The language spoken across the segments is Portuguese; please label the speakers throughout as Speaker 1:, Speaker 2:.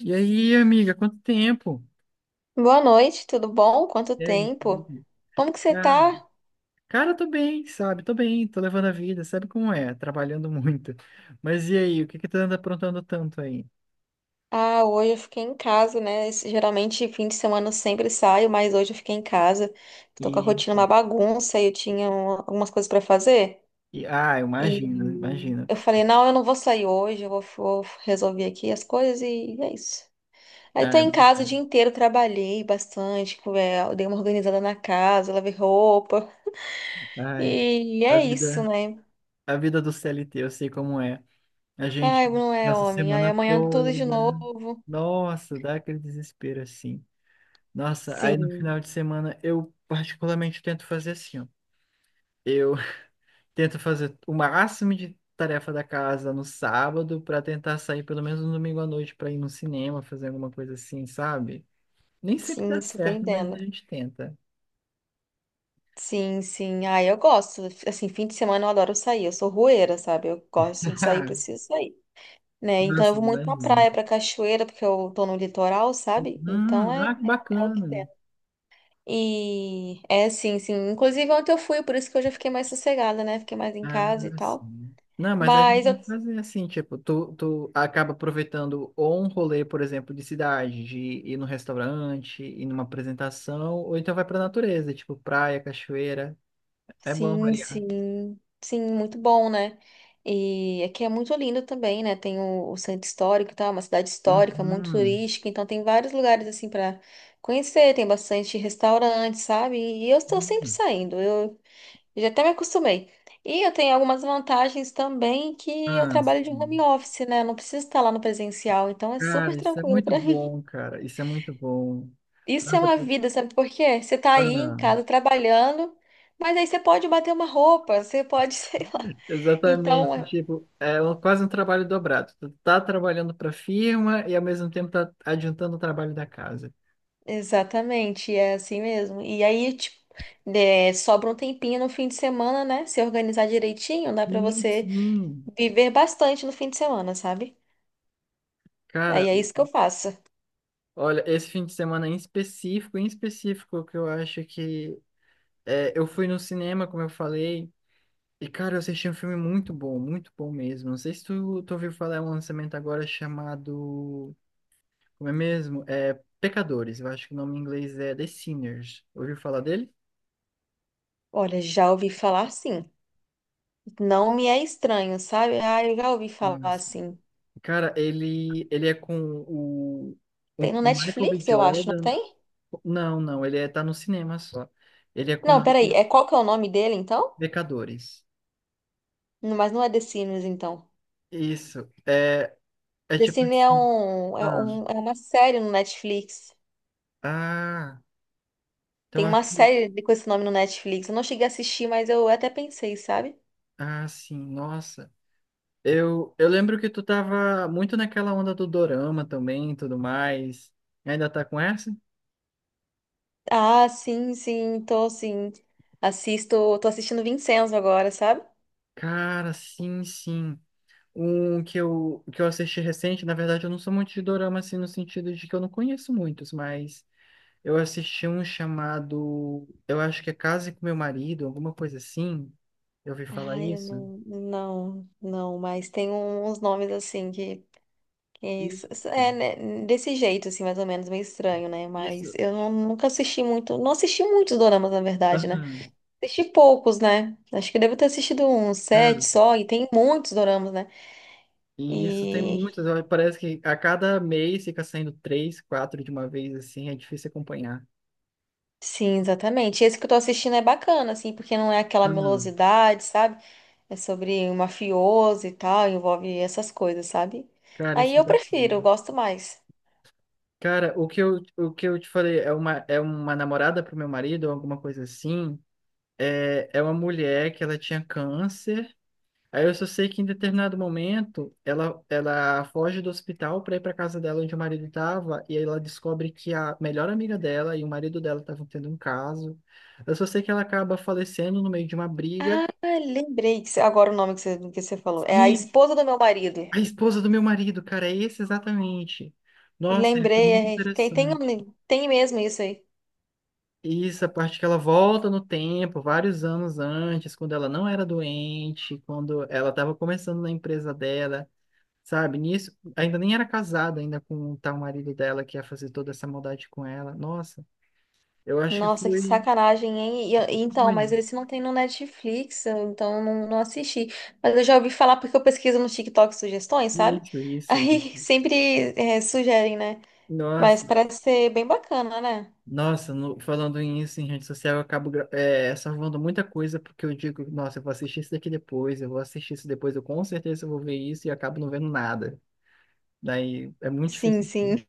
Speaker 1: E aí, amiga, quanto tempo?
Speaker 2: Boa noite, tudo bom? Quanto
Speaker 1: E aí?
Speaker 2: tempo? Como que você
Speaker 1: Cara,
Speaker 2: tá?
Speaker 1: tô bem, sabe? Tô bem, tô levando a vida, sabe como é? Trabalhando muito. Mas e aí, o que que tu anda aprontando tanto aí?
Speaker 2: Ah, hoje eu fiquei em casa, né? Geralmente fim de semana eu sempre saio, mas hoje eu fiquei em casa. Tô com a
Speaker 1: E,
Speaker 2: rotina uma bagunça e eu tinha algumas coisas pra fazer.
Speaker 1: eu imagino,
Speaker 2: E
Speaker 1: imagino.
Speaker 2: eu falei, não, eu não vou sair hoje, vou resolver aqui as coisas e é isso. Aí
Speaker 1: Ah,
Speaker 2: tô
Speaker 1: eu
Speaker 2: em casa o
Speaker 1: imagino.
Speaker 2: dia inteiro, trabalhei bastante, dei uma organizada na casa, lavei roupa.
Speaker 1: Ai,
Speaker 2: E
Speaker 1: a
Speaker 2: é isso,
Speaker 1: vida,
Speaker 2: né?
Speaker 1: a vida do CLT, eu sei como é. A
Speaker 2: Ai,
Speaker 1: gente
Speaker 2: não é
Speaker 1: passa a
Speaker 2: homem. Aí
Speaker 1: semana
Speaker 2: amanhã tudo de
Speaker 1: toda.
Speaker 2: novo.
Speaker 1: Nossa, dá aquele desespero assim. Nossa, aí no
Speaker 2: Sim,
Speaker 1: final de semana eu particularmente tento fazer assim, ó. Eu Tento fazer o máximo de tarefa da casa no sábado para tentar sair pelo menos no domingo à noite para ir no cinema, fazer alguma coisa assim, sabe? Nem sempre dá
Speaker 2: sim, super
Speaker 1: certo, mas
Speaker 2: entendo.
Speaker 1: a gente tenta.
Speaker 2: Sim, sim. Ah, eu gosto. Assim, fim de semana eu adoro sair. Eu sou rueira, sabe? Eu gosto de sair,
Speaker 1: Ah,
Speaker 2: preciso sair. Né? Então eu
Speaker 1: nossa,
Speaker 2: vou muito pra
Speaker 1: imagina.
Speaker 2: praia, pra cachoeira, porque eu tô no litoral, sabe? Então é,
Speaker 1: Ah, que
Speaker 2: é o que tem.
Speaker 1: bacana.
Speaker 2: E é sim, sim. Inclusive ontem eu fui, por isso que hoje eu fiquei mais sossegada, né? Fiquei mais em
Speaker 1: Ah,
Speaker 2: casa e tal.
Speaker 1: sim. Não, mas a gente
Speaker 2: Mas
Speaker 1: tem
Speaker 2: eu
Speaker 1: que fazer assim, tipo, tu acaba aproveitando ou um rolê, por exemplo, de cidade, de ir num restaurante, ir numa apresentação, ou então vai pra natureza, tipo praia, cachoeira. É bom
Speaker 2: Sim,
Speaker 1: variar.
Speaker 2: sim, sim, muito bom, né? E aqui é muito lindo também, né? Tem o centro histórico e tal, é uma cidade histórica, muito
Speaker 1: Uhum.
Speaker 2: turística, então tem vários lugares assim para conhecer, tem bastante restaurante, sabe? E eu estou sempre saindo, eu já até me acostumei. E eu tenho algumas vantagens também que eu
Speaker 1: Ah,
Speaker 2: trabalho de
Speaker 1: sim.
Speaker 2: home office, né? Eu não preciso estar lá no presencial, então é super
Speaker 1: Cara, isso é
Speaker 2: tranquilo
Speaker 1: muito
Speaker 2: para mim.
Speaker 1: bom, cara. Isso é muito bom.
Speaker 2: Isso é
Speaker 1: Nossa,
Speaker 2: uma
Speaker 1: tu-
Speaker 2: vida, sabe por quê? Você tá aí em
Speaker 1: ah,
Speaker 2: casa trabalhando, mas aí você pode bater uma roupa, você pode, sei lá, então,
Speaker 1: exatamente.
Speaker 2: é-
Speaker 1: Tipo, quase um trabalho dobrado. Tu tá trabalhando para a firma e ao mesmo tempo tá adiantando o trabalho da casa.
Speaker 2: exatamente, é assim mesmo. E aí, tipo, é, sobra um tempinho no fim de semana, né? Se organizar direitinho, dá pra
Speaker 1: Sim,
Speaker 2: você
Speaker 1: sim.
Speaker 2: viver bastante no fim de semana, sabe? Aí
Speaker 1: Cara,
Speaker 2: é isso que eu faço.
Speaker 1: olha, esse fim de semana em específico, que eu acho que eu fui no cinema, como eu falei, e cara, eu assisti um filme muito bom mesmo. Não sei se tu ouviu falar, é um lançamento agora chamado. Como é mesmo? É Pecadores. Eu acho que o nome em inglês é The Sinners. Ouviu falar dele?
Speaker 2: Olha, já ouvi falar assim. Não me é estranho, sabe? Ah, eu já ouvi falar
Speaker 1: Nossa.
Speaker 2: assim.
Speaker 1: Cara, ele é com o,
Speaker 2: Tem
Speaker 1: o
Speaker 2: no
Speaker 1: Michael B.
Speaker 2: Netflix, eu acho, não
Speaker 1: Jordan.
Speaker 2: tem?
Speaker 1: Não, não, ele é, tá no cinema só. Ele é com o
Speaker 2: Não, peraí.
Speaker 1: Michael
Speaker 2: É qual que é o nome dele, então?
Speaker 1: Pecadores.
Speaker 2: Não, mas não é The Sims, então.
Speaker 1: Isso. É, é
Speaker 2: The
Speaker 1: tipo
Speaker 2: Sims é
Speaker 1: assim. Ah,
Speaker 2: é uma série no Netflix.
Speaker 1: ah, então
Speaker 2: Tem uma
Speaker 1: acho que.
Speaker 2: série com esse nome no Netflix. Eu não cheguei a assistir, mas eu até pensei, sabe?
Speaker 1: Ah, sim, nossa. Eu lembro que tu tava muito naquela onda do dorama também e tudo mais. Ainda tá com essa?
Speaker 2: Ah, sim, sim, tô sim. Assisto, tô assistindo Vincenzo agora, sabe?
Speaker 1: Cara, sim, sim. Um que que eu assisti recente, na verdade, eu não sou muito de dorama, assim, no sentido de que eu não conheço muitos, mas eu assisti um chamado, eu acho que é Case com Meu Marido, alguma coisa assim. Eu ouvi falar
Speaker 2: Ai, eu
Speaker 1: isso.
Speaker 2: não, não, não, mas tem um, uns nomes assim que
Speaker 1: Isso,
Speaker 2: é né, desse jeito, assim, mais ou menos, meio estranho, né? Mas
Speaker 1: isso.
Speaker 2: eu não- nunca assisti muito, não assisti muitos doramas, na verdade, né?
Speaker 1: Aham,
Speaker 2: Assisti poucos, né? Acho que eu devo ter assistido uns sete
Speaker 1: cara,
Speaker 2: só, e tem muitos doramas, né?
Speaker 1: e isso tem
Speaker 2: E
Speaker 1: muitos. Ó, parece que a cada mês fica saindo três, quatro de uma vez, assim, é difícil acompanhar.
Speaker 2: Sim, exatamente. Esse que eu tô assistindo é bacana, assim, porque não é aquela
Speaker 1: Aham,
Speaker 2: melosidade, sabe? É sobre um mafioso e tal, envolve essas coisas, sabe?
Speaker 1: cara,
Speaker 2: Aí
Speaker 1: isso é
Speaker 2: eu prefiro, eu
Speaker 1: bacana.
Speaker 2: gosto mais.
Speaker 1: Cara, o que eu te falei é uma namorada pro meu marido, ou alguma coisa assim. É, é uma mulher que ela tinha câncer. Aí eu só sei que em determinado momento ela foge do hospital para ir para casa dela onde o marido estava e aí ela descobre que a melhor amiga dela e o marido dela estavam tendo um caso. Eu só sei que ela acaba falecendo no meio de uma briga.
Speaker 2: Ah, lembrei que agora o nome que que você falou. É a
Speaker 1: E
Speaker 2: esposa do meu marido.
Speaker 1: a esposa do meu marido, cara, é esse exatamente. Nossa, ele foi
Speaker 2: Lembrei,
Speaker 1: muito
Speaker 2: é,
Speaker 1: interessante.
Speaker 2: tem mesmo isso aí.
Speaker 1: Isso, a parte que ela volta no tempo, vários anos antes, quando ela não era doente, quando ela estava começando na empresa dela. Sabe? Nisso, ainda nem era casada ainda com o tal marido dela que ia fazer toda essa maldade com ela. Nossa, eu acho que
Speaker 2: Nossa, que
Speaker 1: foi,
Speaker 2: sacanagem, hein? Então,
Speaker 1: foi
Speaker 2: mas esse não tem no Netflix, então eu não, não assisti. Mas eu já ouvi falar porque eu pesquiso no TikTok sugestões, sabe?
Speaker 1: isso, isso,
Speaker 2: Aí
Speaker 1: isso.
Speaker 2: sempre é, sugerem, né? Mas
Speaker 1: Nossa,
Speaker 2: parece ser bem bacana, né?
Speaker 1: nossa, falando isso em rede social, eu acabo salvando muita coisa porque eu digo, nossa, eu vou assistir isso daqui depois, eu vou assistir isso depois, eu com certeza vou ver isso e acabo não vendo nada. Daí é muito
Speaker 2: Sim,
Speaker 1: difícil assim.
Speaker 2: sim.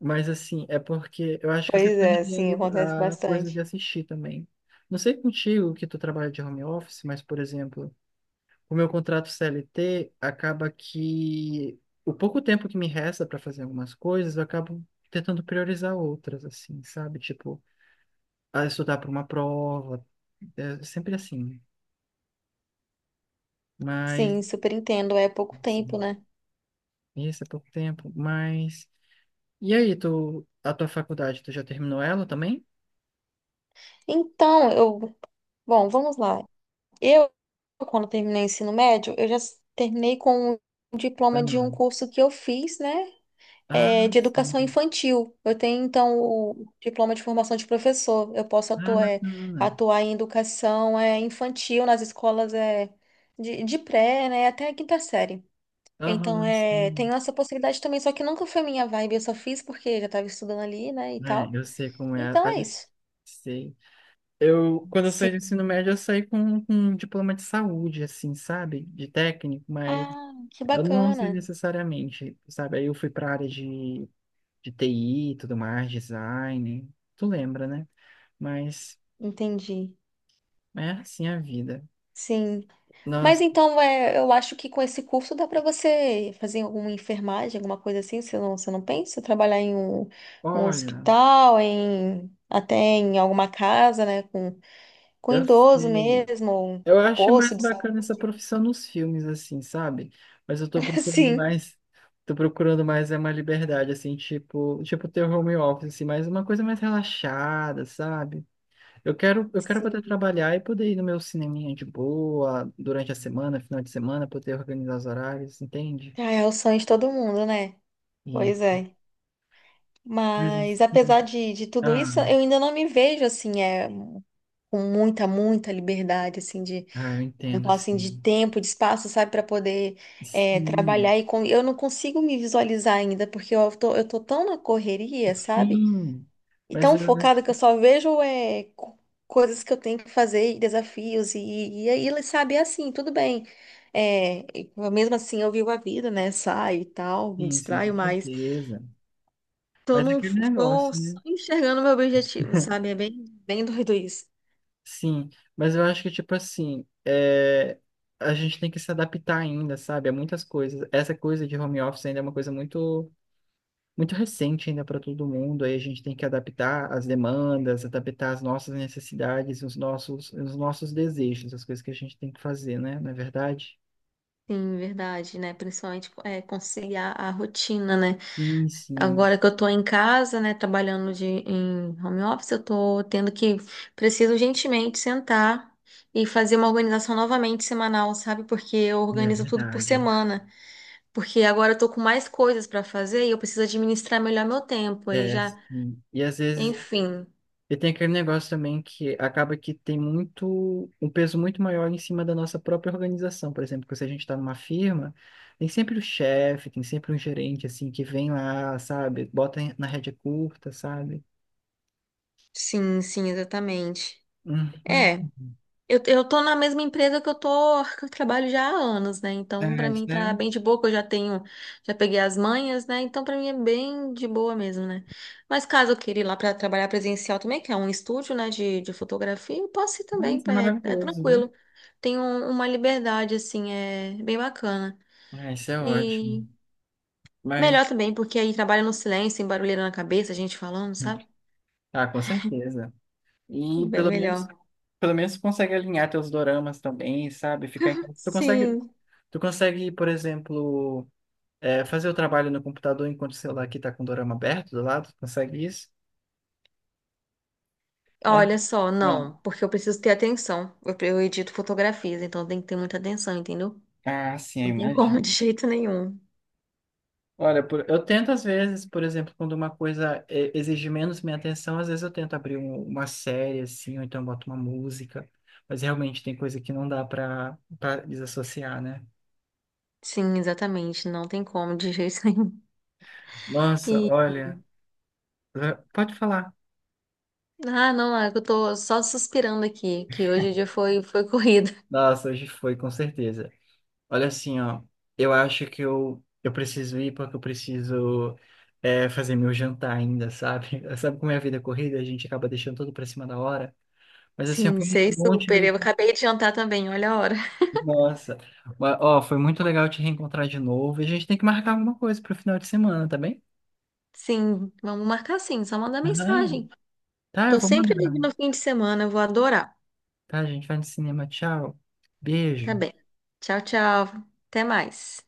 Speaker 1: Mas assim, é porque eu acho que eu fui
Speaker 2: Pois é, sim,
Speaker 1: perdendo
Speaker 2: acontece
Speaker 1: a coisa de
Speaker 2: bastante.
Speaker 1: assistir também. Não sei contigo que tu trabalha de home office, mas, por exemplo, o meu contrato CLT acaba que o pouco tempo que me resta para fazer algumas coisas, eu acabo tentando priorizar outras, assim, sabe? Tipo, ah, estudar para uma prova, é sempre assim. Mas,
Speaker 2: Sim, super entendo. É pouco tempo,
Speaker 1: assim,
Speaker 2: né?
Speaker 1: isso é pouco tempo, mas... E aí, a tua faculdade, tu já terminou ela também?
Speaker 2: Então, eu. Vamos lá. Eu, quando terminei o ensino médio, terminei com um
Speaker 1: Ah,
Speaker 2: diploma de um
Speaker 1: não.
Speaker 2: curso que eu fiz, né?
Speaker 1: Ah,
Speaker 2: É, de educação
Speaker 1: sim.
Speaker 2: infantil. Eu tenho, então, o diploma de formação de professor. Eu posso
Speaker 1: Ah,
Speaker 2: atuar, é,
Speaker 1: bacana.
Speaker 2: atuar em educação, é, infantil nas escolas, é, de pré, né? Até a quinta série. Então,
Speaker 1: Aham,
Speaker 2: é, tem
Speaker 1: sim.
Speaker 2: essa possibilidade também, só que nunca foi minha vibe, eu só fiz porque já estava estudando ali, né, e
Speaker 1: É,
Speaker 2: tal.
Speaker 1: eu sei como é.
Speaker 2: Então é isso.
Speaker 1: Sei. Eu, quando eu saí do
Speaker 2: Sim.
Speaker 1: ensino médio, eu saí com um diploma de saúde, assim, sabe? De técnico, mas
Speaker 2: Ah, que
Speaker 1: eu não sei
Speaker 2: bacana.
Speaker 1: necessariamente, sabe? Aí eu fui para a área de TI e tudo mais, design. Tu lembra, né? Mas
Speaker 2: Entendi.
Speaker 1: é assim a vida.
Speaker 2: Sim. Mas
Speaker 1: Nossa,
Speaker 2: então, é, eu acho que com esse curso dá para você fazer alguma enfermagem, alguma coisa assim, você não pensa? Trabalhar em um, um
Speaker 1: olha,
Speaker 2: hospital, em até em alguma casa, né, com
Speaker 1: eu
Speaker 2: idoso
Speaker 1: sei.
Speaker 2: mesmo, ou um
Speaker 1: Eu acho
Speaker 2: posto
Speaker 1: mais
Speaker 2: de
Speaker 1: bacana essa
Speaker 2: saúde.
Speaker 1: profissão nos filmes, assim, sabe? Mas eu tô procurando
Speaker 2: Sim.
Speaker 1: mais. Tô procurando mais é uma liberdade, assim, tipo ter home office, assim, mas uma coisa mais relaxada, sabe? Eu quero poder
Speaker 2: Sim.
Speaker 1: trabalhar e poder ir no meu cineminha de boa durante a semana, final de semana, poder organizar os horários, entende?
Speaker 2: Ah, é o sonho de todo mundo, né?
Speaker 1: E
Speaker 2: Pois é.
Speaker 1: coisas
Speaker 2: Mas
Speaker 1: assim.
Speaker 2: apesar de tudo
Speaker 1: Ah,
Speaker 2: isso, eu ainda não me vejo assim, é, com muita, muita liberdade, assim, de,
Speaker 1: eu
Speaker 2: vamos
Speaker 1: entendo,
Speaker 2: falar assim, de
Speaker 1: assim.
Speaker 2: tempo, de espaço, sabe, para poder é,
Speaker 1: Sim,
Speaker 2: trabalhar. E com, eu não consigo me visualizar ainda, porque eu tô tão na correria, sabe?
Speaker 1: sim.
Speaker 2: E
Speaker 1: Mas
Speaker 2: tão
Speaker 1: eu
Speaker 2: focada que
Speaker 1: acho
Speaker 2: eu só vejo é, coisas que eu tenho que fazer, e desafios, e aí, sabe, é assim, tudo bem. É, e mesmo assim, eu vivo a vida, né? Saio e tal, me
Speaker 1: sim, sim,
Speaker 2: distraio
Speaker 1: com
Speaker 2: mais.
Speaker 1: certeza.
Speaker 2: Tô,
Speaker 1: Mas é
Speaker 2: num,
Speaker 1: aquele
Speaker 2: tô
Speaker 1: negócio, né?
Speaker 2: só enxergando meu objetivo, sabe? É bem, bem doido isso.
Speaker 1: Sim. Mas eu acho que, tipo assim, é, a gente tem que se adaptar ainda, sabe? A muitas coisas. Essa coisa de home office ainda é uma coisa muito. Muito recente ainda para todo mundo, aí a gente tem que adaptar as demandas, adaptar as nossas necessidades, os nossos desejos, as coisas que a gente tem que fazer, né? Não é verdade?
Speaker 2: Sim, verdade, né? Principalmente é, conciliar a rotina, né?
Speaker 1: Sim, sim,
Speaker 2: Agora que eu tô em casa, né, trabalhando de, em home office, eu tô tendo que, preciso urgentemente sentar e fazer uma organização novamente semanal, sabe? Porque eu
Speaker 1: é
Speaker 2: organizo tudo por
Speaker 1: verdade.
Speaker 2: semana. Porque agora eu tô com mais coisas pra fazer e eu preciso administrar melhor meu tempo. Aí
Speaker 1: É,
Speaker 2: já,
Speaker 1: sim. E às vezes
Speaker 2: enfim.
Speaker 1: e tem aquele negócio também que acaba que tem muito, um peso muito maior em cima da nossa própria organização. Por exemplo, que se a gente está numa firma, tem sempre o chefe, tem sempre um gerente assim que vem lá, sabe? Bota na rédea curta, sabe?
Speaker 2: Sim, sim, exatamente. É.
Speaker 1: Uhum.
Speaker 2: Eu tô na mesma empresa que eu trabalho já há anos, né? Então,
Speaker 1: Ah,
Speaker 2: pra mim
Speaker 1: isso é,
Speaker 2: tá bem de boa, que eu já tenho, já peguei as manhas, né? Então, pra mim é bem de boa mesmo, né? Mas caso eu queira ir lá pra trabalhar presencial também, que é um estúdio, né, de fotografia, eu posso ir
Speaker 1: ah,
Speaker 2: também,
Speaker 1: isso é
Speaker 2: é, é
Speaker 1: maravilhoso, né?
Speaker 2: tranquilo. Tem uma liberdade, assim, é bem bacana.
Speaker 1: Ah, isso é ótimo.
Speaker 2: E
Speaker 1: Mas,
Speaker 2: melhor também, porque aí trabalha no silêncio, sem barulheira na cabeça, a gente falando, sabe?
Speaker 1: ah, com certeza. E
Speaker 2: Bem melhor.
Speaker 1: pelo menos tu consegue alinhar teus doramas também, sabe? Ficar em casa.
Speaker 2: Sim.
Speaker 1: Tu consegue, por exemplo, é, fazer o trabalho no computador enquanto o celular aqui tá com o dorama aberto do lado? Tu consegue isso? É.
Speaker 2: Olha só,
Speaker 1: Bom,
Speaker 2: não, porque eu preciso ter atenção. Eu edito fotografias, então tem que ter muita atenção, entendeu?
Speaker 1: ah, sim,
Speaker 2: Não tem
Speaker 1: imagina.
Speaker 2: como, de jeito nenhum.
Speaker 1: Olha, eu tento às vezes, por exemplo, quando uma coisa exige menos minha atenção, às vezes eu tento abrir uma série assim, ou então boto uma música, mas realmente tem coisa que não dá para desassociar, né?
Speaker 2: Sim, exatamente, não tem como, de jeito nenhum.
Speaker 1: Nossa,
Speaker 2: E,
Speaker 1: olha, pode falar.
Speaker 2: ah, não, é que eu tô só suspirando aqui, que hoje o dia foi, foi corrido.
Speaker 1: Nossa, hoje foi, com certeza. Olha assim, ó, eu acho que eu preciso ir porque eu preciso fazer meu jantar ainda, sabe? Sabe como é a vida corrida, a gente acaba deixando tudo para cima da hora. Mas assim, ó,
Speaker 2: Sim,
Speaker 1: foi muito
Speaker 2: sei
Speaker 1: bom te
Speaker 2: super.
Speaker 1: ver.
Speaker 2: Eu acabei de jantar também, olha a hora.
Speaker 1: Nossa. Mas, ó, foi muito legal te reencontrar de novo. E a gente tem que marcar alguma coisa pro final de semana, tá bem?
Speaker 2: Sim, vamos marcar sim, só mandar
Speaker 1: Aham.
Speaker 2: mensagem.
Speaker 1: Tá, eu
Speaker 2: Tô
Speaker 1: vou
Speaker 2: sempre livre
Speaker 1: mandar.
Speaker 2: no fim de semana, eu vou adorar.
Speaker 1: Tá, a gente vai no cinema. Tchau.
Speaker 2: Tá
Speaker 1: Beijo.
Speaker 2: bem. Tchau, tchau. Até mais.